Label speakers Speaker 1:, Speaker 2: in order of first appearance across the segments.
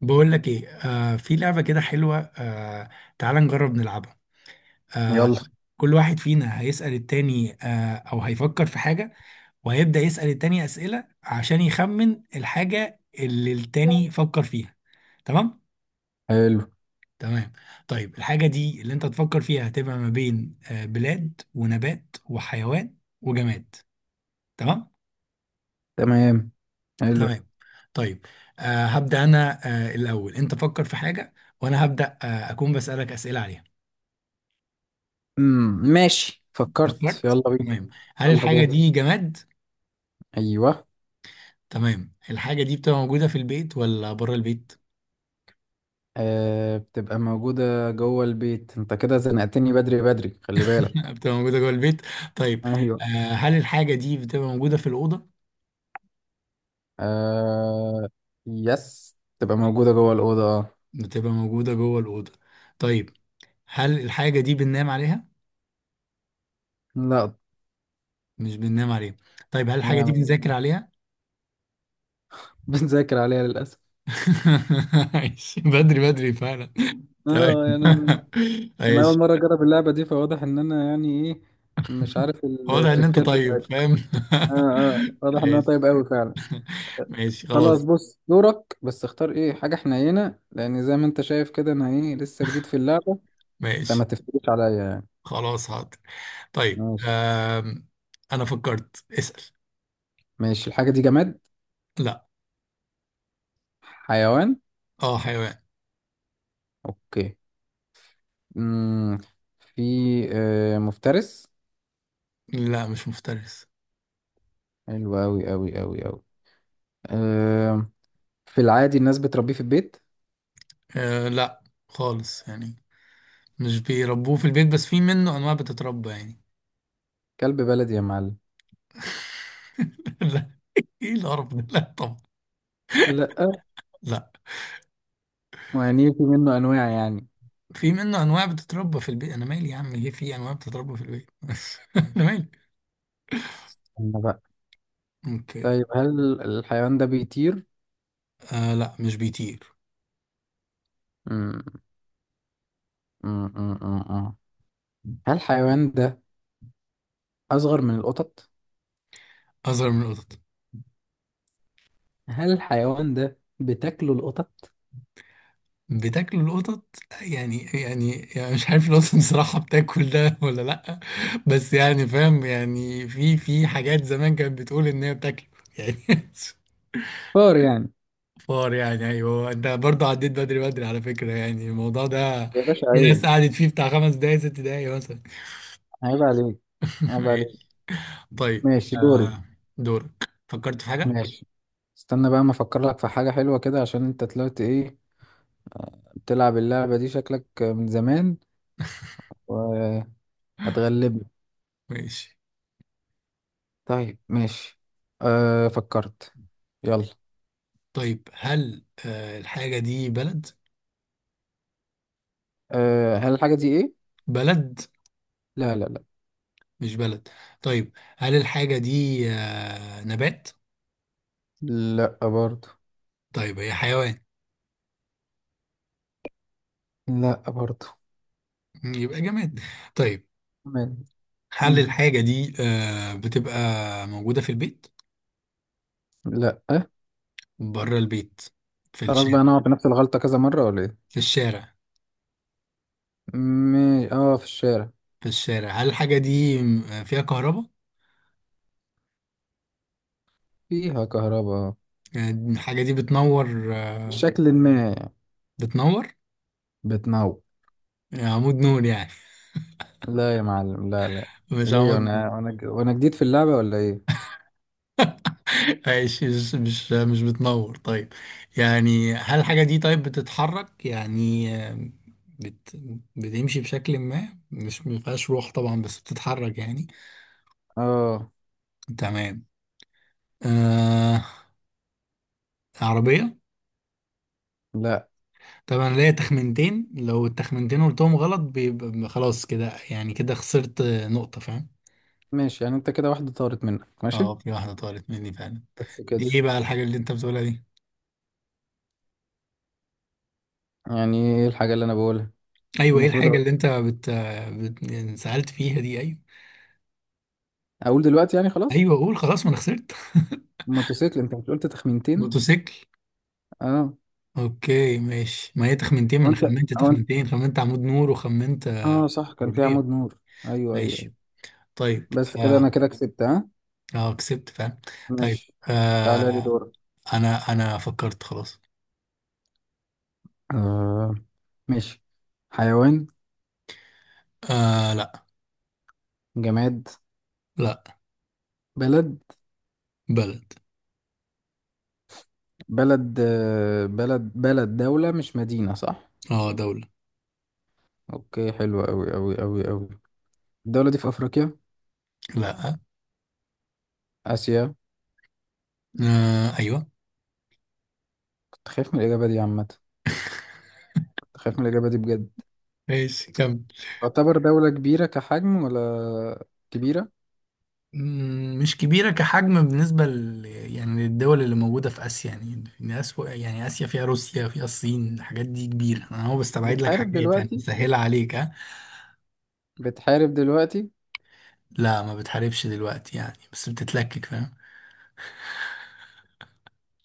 Speaker 1: بقول لك ايه، في لعبة كده حلوة. تعال نجرب نلعبها. آه
Speaker 2: يلا.
Speaker 1: كل واحد فينا هيسأل التاني، او هيفكر في حاجة وهيبدأ يسأل التاني أسئلة عشان يخمن الحاجة اللي التاني فكر فيها. تمام.
Speaker 2: حلو.
Speaker 1: تمام. طيب الحاجة دي اللي انت تفكر فيها هتبقى ما بين بلاد ونبات وحيوان وجماد. تمام.
Speaker 2: تمام. حلو.
Speaker 1: تمام. طيب، هبدأ انا. الأول انت فكر في حاجة، وانا هبدأ اكون بسألك أسئلة عليها.
Speaker 2: ماشي، فكرت.
Speaker 1: فكرت؟
Speaker 2: يلا بينا.
Speaker 1: تمام. هل
Speaker 2: يلا
Speaker 1: الحاجة
Speaker 2: جاي.
Speaker 1: دي جماد؟
Speaker 2: ايوه.
Speaker 1: تمام. الحاجة دي بتبقى موجودة في البيت ولا بره البيت؟
Speaker 2: بتبقى موجودة جوه البيت. انت كده زنقتني بدري بدري، خلي بالك.
Speaker 1: بتبقى موجودة جوه البيت. طيب. آه
Speaker 2: ايوه.
Speaker 1: هل الحاجة دي بتبقى موجودة في الأوضة؟
Speaker 2: آه يس تبقى موجودة جوه الأوضة، اه.
Speaker 1: بتبقى موجودة جوه الأوضة. طيب. هل الحاجة دي بننام عليها؟
Speaker 2: لا.
Speaker 1: مش بننام عليها. طيب هل الحاجة دي
Speaker 2: يعني
Speaker 1: بنذاكر عليها؟
Speaker 2: بنذاكر عليها للأسف.
Speaker 1: ماشي، بدري بدري فعلا.
Speaker 2: اه
Speaker 1: طيب.
Speaker 2: يعني انا أنا اول
Speaker 1: ماشي.
Speaker 2: مرة اجرب اللعبة دي، فواضح ان انا يعني ايه. مش عارف
Speaker 1: واضح ان انت
Speaker 2: التريكات
Speaker 1: طيب
Speaker 2: بتاعتها.
Speaker 1: فاهم.
Speaker 2: اه، اه، واضح انها
Speaker 1: ماشي.
Speaker 2: طيب قوي فعلا.
Speaker 1: ماشي
Speaker 2: خلاص
Speaker 1: خلاص.
Speaker 2: بص دورك، بس اختار ايه حاجة حنينة، لأن زي ما انت شايف كده انا ايه لسه جديد في اللعبة، فما
Speaker 1: ماشي.
Speaker 2: تفتكرش عليا يعني.
Speaker 1: خلاص حاضر. طيب،
Speaker 2: ماشي.
Speaker 1: انا فكرت اسأل.
Speaker 2: ماشي، الحاجة دي جماد؟
Speaker 1: لا.
Speaker 2: حيوان؟
Speaker 1: اه حيوان.
Speaker 2: اوكي. مم. في مفترس؟
Speaker 1: لا، مش مفترس.
Speaker 2: حلو اوي اوي اوي اوي. آه في العادي الناس بتربيه في البيت؟
Speaker 1: لا، خالص يعني. مش بيربوه في البيت، بس في منه انواع بتتربى يعني.
Speaker 2: كلب بلدي يا معلم؟
Speaker 1: لا، ايه القرف ده؟ لا طبعا.
Speaker 2: لأ.
Speaker 1: لا،
Speaker 2: ما يعني في منه أنواع يعني.
Speaker 1: في منه انواع بتتربى في البيت. انا مالي يا عم؟ ايه، في انواع بتتربى في البيت؟ انا مالي.
Speaker 2: استنى بقى.
Speaker 1: اوكي.
Speaker 2: طيب هل الحيوان ده بيطير؟
Speaker 1: لا، مش بيطير.
Speaker 2: مم. مم. مم. مم. مم. هل الحيوان ده أصغر من القطط؟
Speaker 1: اصغر من القطط.
Speaker 2: هل الحيوان ده بتاكله القطط؟
Speaker 1: بتاكلوا القطط يعني يعني، يعني مش عارف القطط بصراحة بتاكل ده ولا لأ. بس يعني فاهم، يعني في حاجات زمان كانت بتقول إن هي بتاكله يعني.
Speaker 2: فار يعني.
Speaker 1: فار يعني؟ أيوه، أنت برضه عديت بدري بدري على فكرة يعني الموضوع ده.
Speaker 2: يا باشا
Speaker 1: في ناس
Speaker 2: عيب.
Speaker 1: قعدت فيه بتاع خمس دقايق ست دقايق مثلا.
Speaker 2: عيب عليك. عيب
Speaker 1: ماشي.
Speaker 2: عليك.
Speaker 1: طيب.
Speaker 2: ماشي دوري.
Speaker 1: دورك، فكرت في حاجة؟
Speaker 2: ماشي، استنى بقى ما أفكر لك في حاجة حلوة كده، عشان أنت طلعت إيه، بتلعب اللعبة دي شكلك من زمان وهتغلبني.
Speaker 1: ماشي.
Speaker 2: طيب ماشي. أه، فكرت. يلا.
Speaker 1: طيب هل الحاجة دي بلد؟
Speaker 2: هل الحاجة دي إيه؟
Speaker 1: بلد.
Speaker 2: لا لا لا.
Speaker 1: مش بلد. طيب هل الحاجة دي نبات؟
Speaker 2: لا برضو.
Speaker 1: طيب هي حيوان؟
Speaker 2: لا برضو.
Speaker 1: يبقى جماد. طيب.
Speaker 2: تمام.
Speaker 1: هل
Speaker 2: مم.
Speaker 1: الحاجة دي بتبقى موجودة في البيت؟
Speaker 2: لا.
Speaker 1: بره البيت؟ في
Speaker 2: خلاص بقى
Speaker 1: الشارع.
Speaker 2: أنا أقعد بنفس الغلطة كذا مرة ولا إيه؟
Speaker 1: في الشارع.
Speaker 2: اه، في الشارع.
Speaker 1: في الشارع. هل الحاجة دي فيها كهرباء؟
Speaker 2: فيها كهرباء، آه.
Speaker 1: يعني الحاجة دي بتنور،
Speaker 2: بشكل ما يعني،
Speaker 1: بتنور؟
Speaker 2: بتنور.
Speaker 1: يعني عمود نور يعني؟
Speaker 2: لا يا معلم، لا لا.
Speaker 1: مش
Speaker 2: ليه
Speaker 1: عمود نور.
Speaker 2: وانا جديد في اللعبة ولا ايه؟
Speaker 1: ماشي، مش بتنور. طيب، يعني هل الحاجة دي طيب بتتحرك يعني؟ بت بتمشي بشكل ما، مش مفيهاش روح طبعا بس بتتحرك يعني.
Speaker 2: اه،
Speaker 1: تمام. آه عربية؟
Speaker 2: لا.
Speaker 1: طبعا ليا تخمنتين، لو التخمنتين قلتهم غلط بيبقى خلاص كده يعني، كده خسرت نقطة فاهم.
Speaker 2: ماشي، يعني انت كده واحدة طارت منك،
Speaker 1: اه،
Speaker 2: ماشي.
Speaker 1: في واحدة طارت مني فعلا.
Speaker 2: بس كده.
Speaker 1: دي ايه بقى الحاجة اللي انت بتقولها دي؟
Speaker 2: يعني ايه الحاجة اللي انا بقولها؟
Speaker 1: ايوه، ايه
Speaker 2: المفروض
Speaker 1: الحاجة
Speaker 2: اقول.
Speaker 1: اللي انت يعني سألت فيها دي؟ ايوه
Speaker 2: أقول دلوقتي يعني، خلاص.
Speaker 1: ايوه، قول خلاص ما انا خسرت.
Speaker 2: موتوسيكل. انت مش قلت تخمينتين؟
Speaker 1: موتوسيكل.
Speaker 2: اه.
Speaker 1: اوكي ماشي، ما هي تخمنتين، ما انا
Speaker 2: وانت
Speaker 1: خمنت
Speaker 2: او انت
Speaker 1: تخمنتين، خمنت عمود نور وخمنت
Speaker 2: اه صح، كان في
Speaker 1: عربية.
Speaker 2: عمود نور، ايوه ايوه أيوة.
Speaker 1: ماشي. طيب.
Speaker 2: بس كده انا
Speaker 1: اه،
Speaker 2: كده كسبت، ها؟
Speaker 1: اه كسبت فعلا. طيب.
Speaker 2: ماشي، تعالى لي
Speaker 1: آه
Speaker 2: دورك.
Speaker 1: انا فكرت خلاص.
Speaker 2: آه ماشي. حيوان؟
Speaker 1: لا.
Speaker 2: جماد؟
Speaker 1: لا.
Speaker 2: بلد؟
Speaker 1: بلد.
Speaker 2: بلد، بلد، بلد، دولة مش مدينة، صح؟
Speaker 1: اه دولة.
Speaker 2: اوكي، حلوة اوي اوي اوي اوي. الدولة دي في افريقيا؟
Speaker 1: لا.
Speaker 2: اسيا؟
Speaker 1: ايوه.
Speaker 2: كنت خايف من الاجابة دي عامة. كنت خايف من الاجابة دي بجد.
Speaker 1: ماشي كمل.
Speaker 2: تعتبر دولة كبيرة كحجم ولا كبيرة؟
Speaker 1: مش كبيرة كحجم بالنسبة يعني للدول اللي موجودة في آسيا يعني، يعني يعني آسيا فيها روسيا، فيها الصين، الحاجات دي كبيرة. أنا هو بستبعد لك
Speaker 2: بتحارب
Speaker 1: حاجات يعني
Speaker 2: دلوقتي؟
Speaker 1: مسهلة عليك ها.
Speaker 2: بتحارب دلوقتي؟
Speaker 1: لا، ما بتحاربش دلوقتي يعني بس بتتلكك فاهم.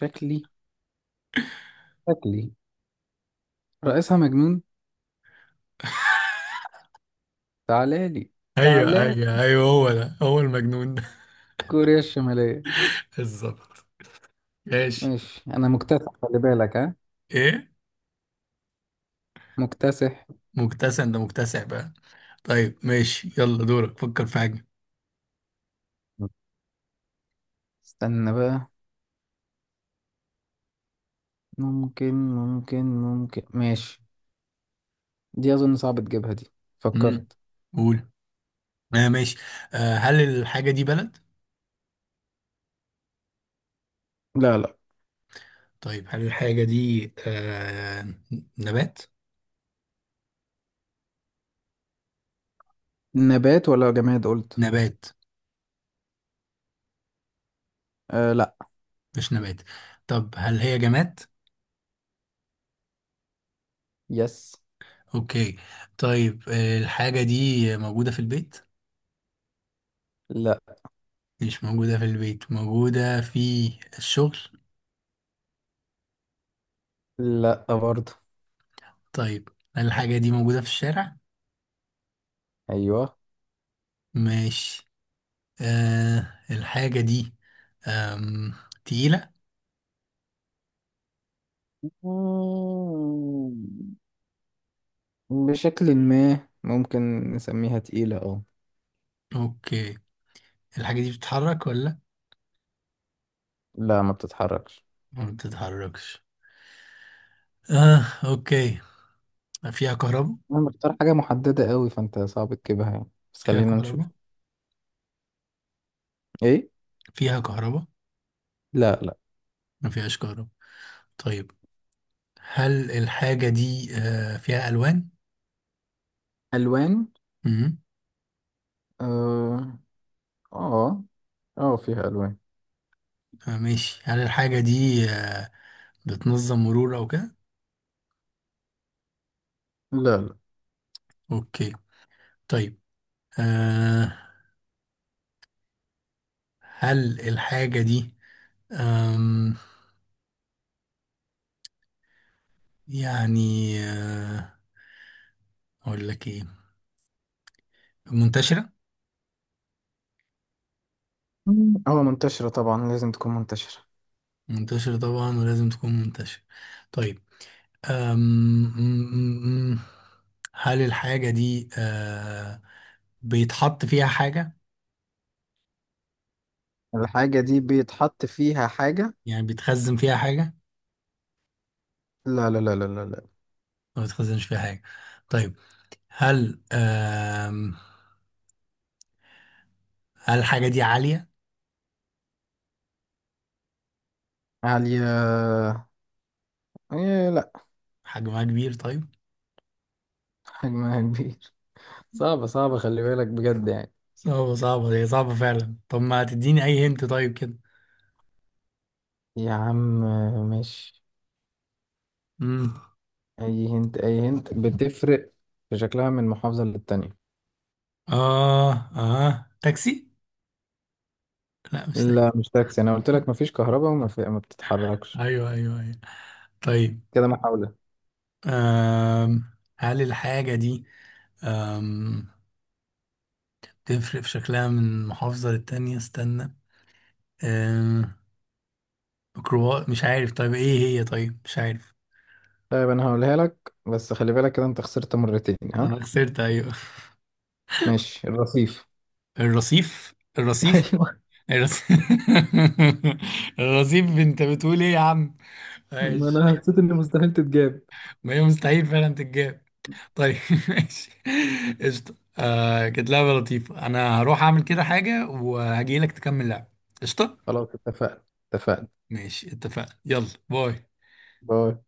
Speaker 2: شكلي. شكلي رئيسها مجنون. تعالالي.
Speaker 1: ايوه
Speaker 2: تعالالي.
Speaker 1: ايوه ايوه، هو ده هو المجنون ده.
Speaker 2: كوريا الشمالية.
Speaker 1: بالظبط. ماشي.
Speaker 2: ماشي، انا مكتسح، خلي بالك، ها.
Speaker 1: ايه؟
Speaker 2: مكتسح.
Speaker 1: مكتسع، انت مكتسع بقى. طيب ماشي، يلا دورك فكر في حاجة.
Speaker 2: استنى بقى. ممكن، ممكن، ممكن، ماشي. دي أظن صعب تجيبها دي.
Speaker 1: امم.
Speaker 2: فكرت.
Speaker 1: قول. ماشي. هل الحاجة دي بلد؟
Speaker 2: لا لا.
Speaker 1: طيب هل الحاجة دي نبات؟
Speaker 2: نبات ولا جماد قلت؟
Speaker 1: نبات.
Speaker 2: آه، لا.
Speaker 1: مش نبات. طب هل هي جماد؟
Speaker 2: يس.
Speaker 1: اوكي. طيب الحاجة دي موجودة في البيت؟
Speaker 2: لا
Speaker 1: مش موجودة في البيت. موجودة في الشغل؟
Speaker 2: لا برضه.
Speaker 1: طيب هل الحاجة دي موجودة في الشارع؟
Speaker 2: أيوه.
Speaker 1: ماشي. الحاجة دي آم، تقيلة؟
Speaker 2: مم. بشكل ما ممكن نسميها تقيلة، اه.
Speaker 1: اوكي. الحاجة دي بتتحرك ولا؟
Speaker 2: لا، ما بتتحركش.
Speaker 1: ما بتتحركش. اه اوكي. ما فيها كهرباء؟
Speaker 2: أنا بختار حاجة محددة قوي، فأنت صعب تجيبها يعني، بس
Speaker 1: فيها
Speaker 2: خلينا نشوف.
Speaker 1: كهرباء؟
Speaker 2: إيه؟
Speaker 1: فيها كهرباء.
Speaker 2: لا لا.
Speaker 1: ما فيهاش كهرباء. طيب. هل الحاجة دي فيها ألوان؟
Speaker 2: ألوان.
Speaker 1: امم.
Speaker 2: آه. آه. آه، فيها ألوان.
Speaker 1: ماشي. هل الحاجة دي بتنظم مرور أو كده؟
Speaker 2: لا لا.
Speaker 1: أوكي. طيب. آه، هل الحاجة دي آم، يعني آه، أقول لك إيه، منتشرة؟
Speaker 2: مم. اه، منتشرة طبعا، لازم تكون منتشرة.
Speaker 1: منتشرة طبعا، ولازم تكون منتشرة. طيب. آم، م- م- م- هل الحاجة دي بيتحط فيها حاجة؟
Speaker 2: الحاجة دي بيتحط فيها حاجة؟
Speaker 1: يعني بيتخزن فيها حاجة؟
Speaker 2: لا لا لا لا لا لا.
Speaker 1: ما بيتخزنش فيها حاجة. طيب. هل آم هل الحاجة دي عالية؟
Speaker 2: عالية؟ إيه، لا.
Speaker 1: حجمها كبير؟ طيب.
Speaker 2: حجمها كبير. صعبة صعبة، خلي بالك بجد يعني.
Speaker 1: صعبة صعبة هي صعبة فعلا، طب ما تديني أي هنت طيب كده.
Speaker 2: يا عم. ماشي.
Speaker 1: امم.
Speaker 2: أي هنت. أي هنت بتفرق في شكلها من محافظة للتانية.
Speaker 1: تاكسي. لا مش تاكسي.
Speaker 2: لا مش تاكسي، أنا قلت لك مفيش كهرباء ما بتتحركش.
Speaker 1: أيوه أيوه أيوه. طيب.
Speaker 2: كده محاولة.
Speaker 1: آم هل الحاجة دي آم تفرق في شكلها من محافظة للتانية؟ استنى. آم ميكروباص؟ مش عارف طيب إيه هي؟ طيب مش عارف.
Speaker 2: طيب أنا هقولها لك، بس خلي بالك كده أنت خسرت مرتين، ها.
Speaker 1: أنا خسرت أيوه.
Speaker 2: ماشي، الرصيف.
Speaker 1: الرصيف؟ الرصيف؟
Speaker 2: ايوه.
Speaker 1: الرص- الرصيف؟ انت بتقول ايه يا عم؟
Speaker 2: ما
Speaker 1: ماشي.
Speaker 2: انا حسيت ان مستحيل تتجاب.
Speaker 1: ما هي مستحيل فعلا تتجاب. طيب. ماشي. قشطة. كانت لعبة لطيفة، انا هروح اعمل كده حاجة وهجيلك تكمل لعب. قشطة.
Speaker 2: خلاص اتفقنا. اتفقنا.
Speaker 1: ماشي، اتفقنا. يلا باي.
Speaker 2: باي.